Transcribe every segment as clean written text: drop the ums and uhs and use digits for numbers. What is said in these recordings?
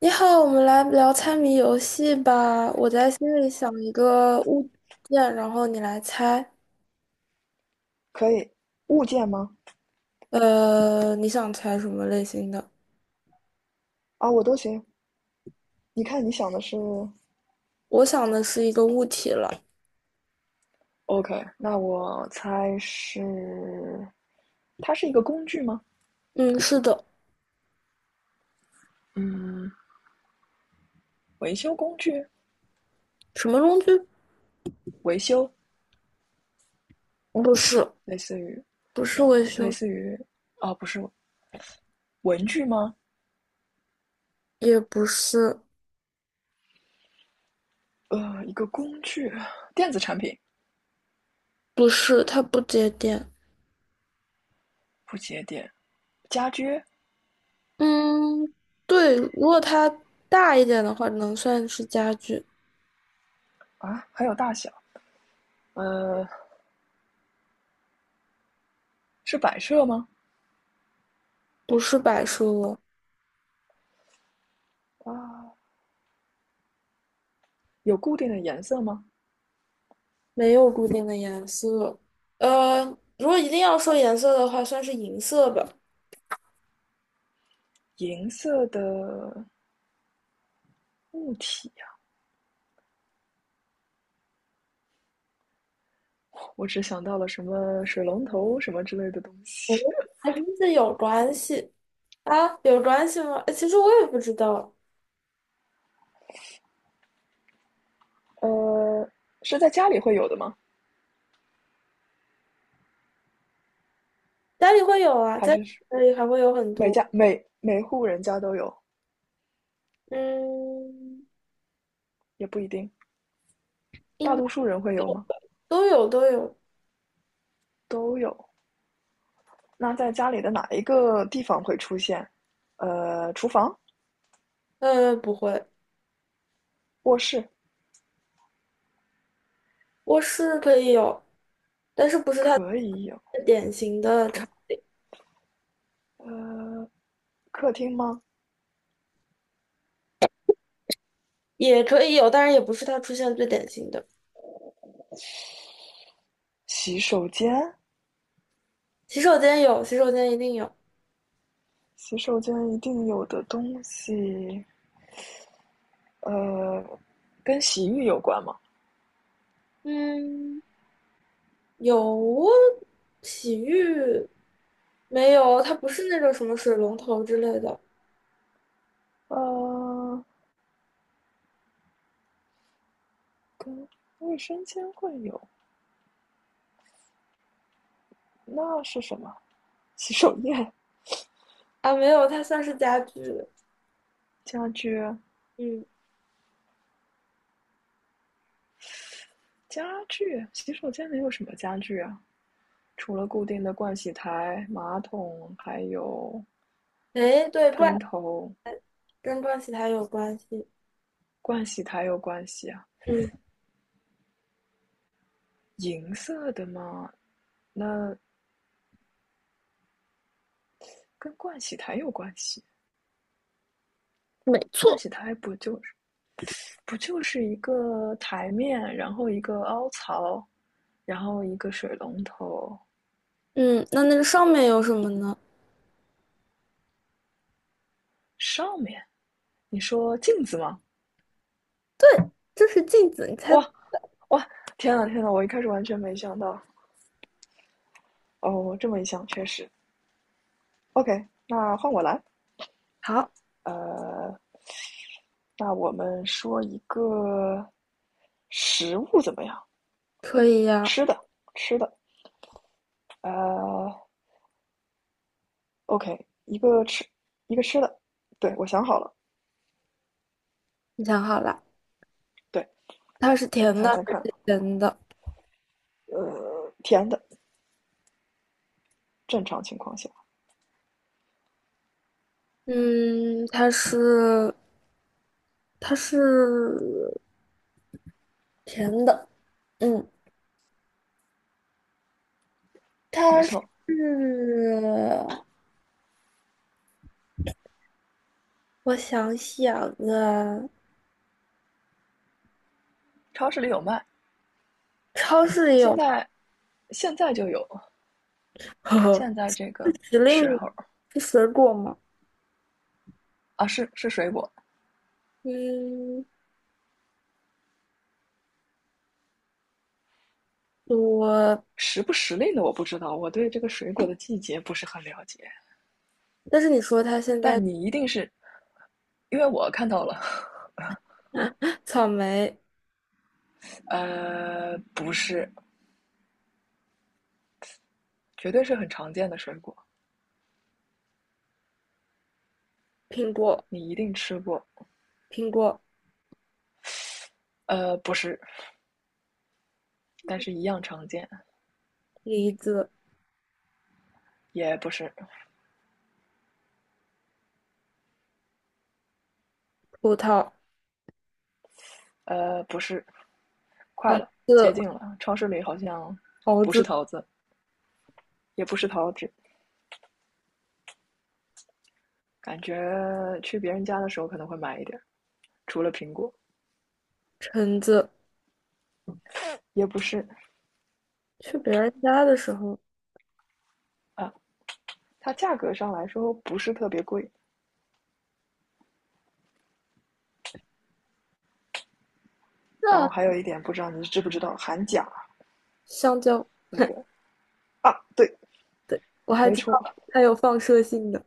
你好，我们来聊猜谜游戏吧。我在心里想一个物件，然后你来猜。可以，物件吗？你想猜什么类型的？啊，我都行。你看你想的是我想的是一个物体了。，OK，那我猜是，它是一个工具吗？嗯，是的。嗯，维修工具，什么工具？维修，不是，类似于，不是维类修，似于，不是文具吗？也不是，一个工具，电子产品，不是，它不接电。不接电，家居。嗯，对，如果它大一点的话，能算是家具，啊，还有大小，呃，是摆设吗？不是摆设。啊，有固定的颜色吗？没有固定的颜色。呃，如果一定要说颜色的话，算是银色吧。银色的物体，我只想到了什么水龙头什么之类的东哦，西。还真是有关系啊？有关系吗？其实我也不知道，呃，是在家里会有的吗？家里会有啊，还在是家里还会有很每多。家每每户人家都有？嗯，也不一定，应大该多数人会有有，吗？都有都有。都有。那在家里的哪一个地方会出现？厨房、不会，卧室卧室可以有，但是不是它可以有，最典型的不，场，呃，客厅吗？也可以有，但是也不是它出现最典型的。洗手间，洗手间有，洗手间一定有。洗手间一定有的东西，呃，跟洗浴有关吗？嗯。有洗浴没有？它不是那种什么水龙头之类的呃，跟卫生间会有，那是什么？洗手液、啊，没有，它算是家具。家具、嗯，家具，洗手间能有什么家具啊？除了固定的盥洗台、马桶，还有哎，对，喷头。跟盥洗台有关系。盥洗台有关系啊，嗯，银色的吗？那跟盥洗台有关系。没盥错。洗台不就是一个台面，然后一个凹槽，然后一个水龙头嗯，那那个上面有什么呢？上面。你说镜子吗？这是镜子，你哇，猜哇，天呐天呐，我一开始完全没想到。哦，这么一想，确实。OK，那换我来。好，呃，那我们说一个食物怎么样？可以呀、吃的，吃的。呃，OK，一个吃，一个吃的。对，我想好了。你想好了，对，它是甜你的猜猜还看。是咸的？甜的，正常情况下，嗯，它是甜的。嗯，没它是。错，我想想啊，超市里有卖。超市里有现卖 在，现在就有，现在这个时时令候是水果吗？啊，是是水果，嗯，我，时不时令的我不知道，我对这个水果的季节不是很了解。但是你说它现在 但你一定是，因为我看到了，草莓、不是，绝对是很常见的水果，苹果、你一定吃过。苹果、不是，但是一样常见，梨子、也不是，葡萄、不是，快桃了，接子、近了。超市里好像桃不是子、桃子，也不是桃子，感觉去别人家的时候可能会买一点除了苹果，橙子，也不是去别人家的时候，啊。它价格上来说不是特别贵，然后那还有一点不知道你知不知道韩甲香蕉那个啊，对，我还没知道错，它有放射性的。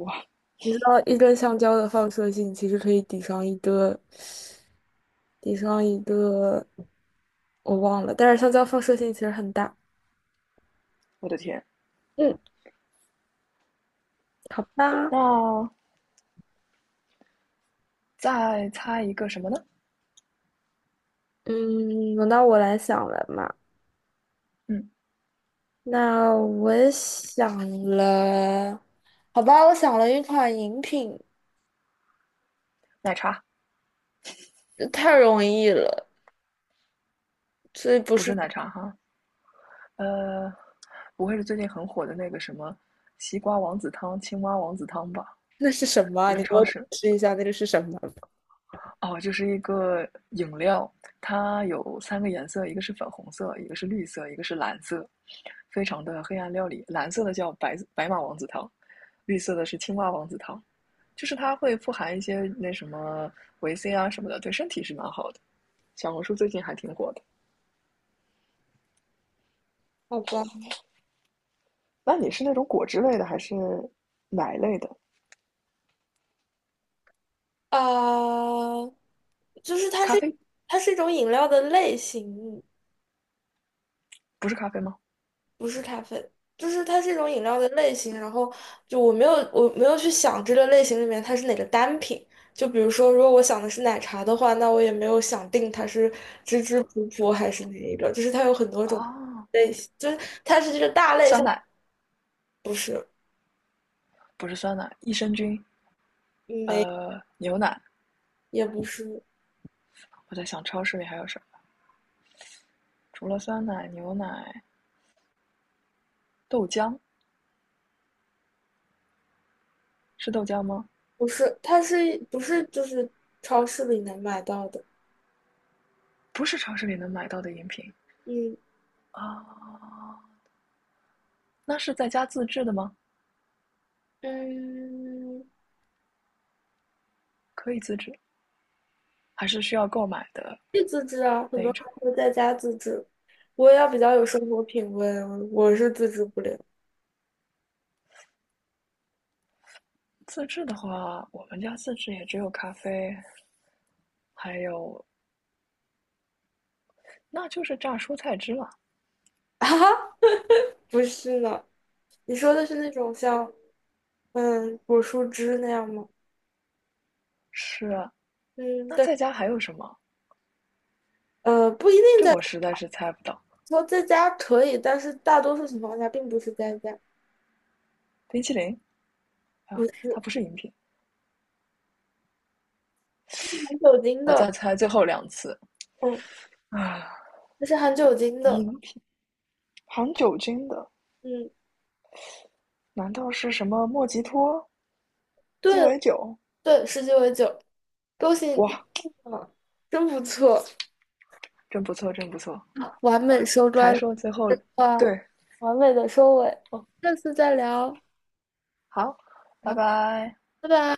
哇，你知道一根香蕉的放射性其实可以抵上一个，抵上一个，我忘了。但是香蕉放射性其实很大。我的天！嗯，好吧，那再猜一个什么呢？嗯，轮到我来想了嘛。嗯，那我也想了，好吧，我想了一款饮品，奶茶这太容易了，所以不不是是，奶茶哈，呃，不会是最近很火的那个什么西瓜王子汤、青蛙王子汤吧？就是超市哦，就是一个饮料，它有三个颜色，一个是粉红色，一个是绿色，一个是蓝色，非常的黑暗料理。蓝色的叫白白马王子汤，绿色的是青蛙王子汤，就是它会富含一些那什么维 C 啊什么的，对身体是蛮好的。小红书最近还挺火的。好吧，那你是那种果汁类的还是奶类的？啊、就是它咖是啡它是一种饮料的类型，不是咖啡吗？不是咖啡，就是它是一种饮料的类型。然后就我没有去想这个类型里面它是哪个单品。就比如说，如果我想的是奶茶的话，那我也没有想定它是芝芝普普还是哪一个，就是它有很多种哦，类型，就是它是这个大类酸项，奶不是不是酸奶，益生菌，没牛奶。也不是我在想超市里还有什么。除了酸奶、牛奶、豆浆，是豆浆吗？不是，它是不是就是超市里能买到的？不是超市里能买到的饮品嗯啊。那是在家自制的吗？嗯，可以自制，还是需要购买的以自制啊，很多那人种？会在家自制。我也要比较有生活品味，我是自制不了。自制的话，我们家自制也只有咖啡，还有那就是榨蔬菜汁了。哈哈，不是呢，你说的是那种像果蔬汁那样吗？是啊，嗯，那对，在家还有什么？不一定这在我实在是猜不到。说在家可以，但是大多数情况下并不是在家，冰淇淋不啊，是它不是饮品。含酒精我的，再猜最后两次嗯，啊，它是含酒精的，饮品含酒精的，嗯，难道是什么莫吉托？对鸡尾酒，对，十几为酒，恭喜你听哇，到了，真不错，真不错，真不错。完美收才官说最后，啊，对，完美的收尾，哦，下次再聊。好，拜好，拜。拜拜。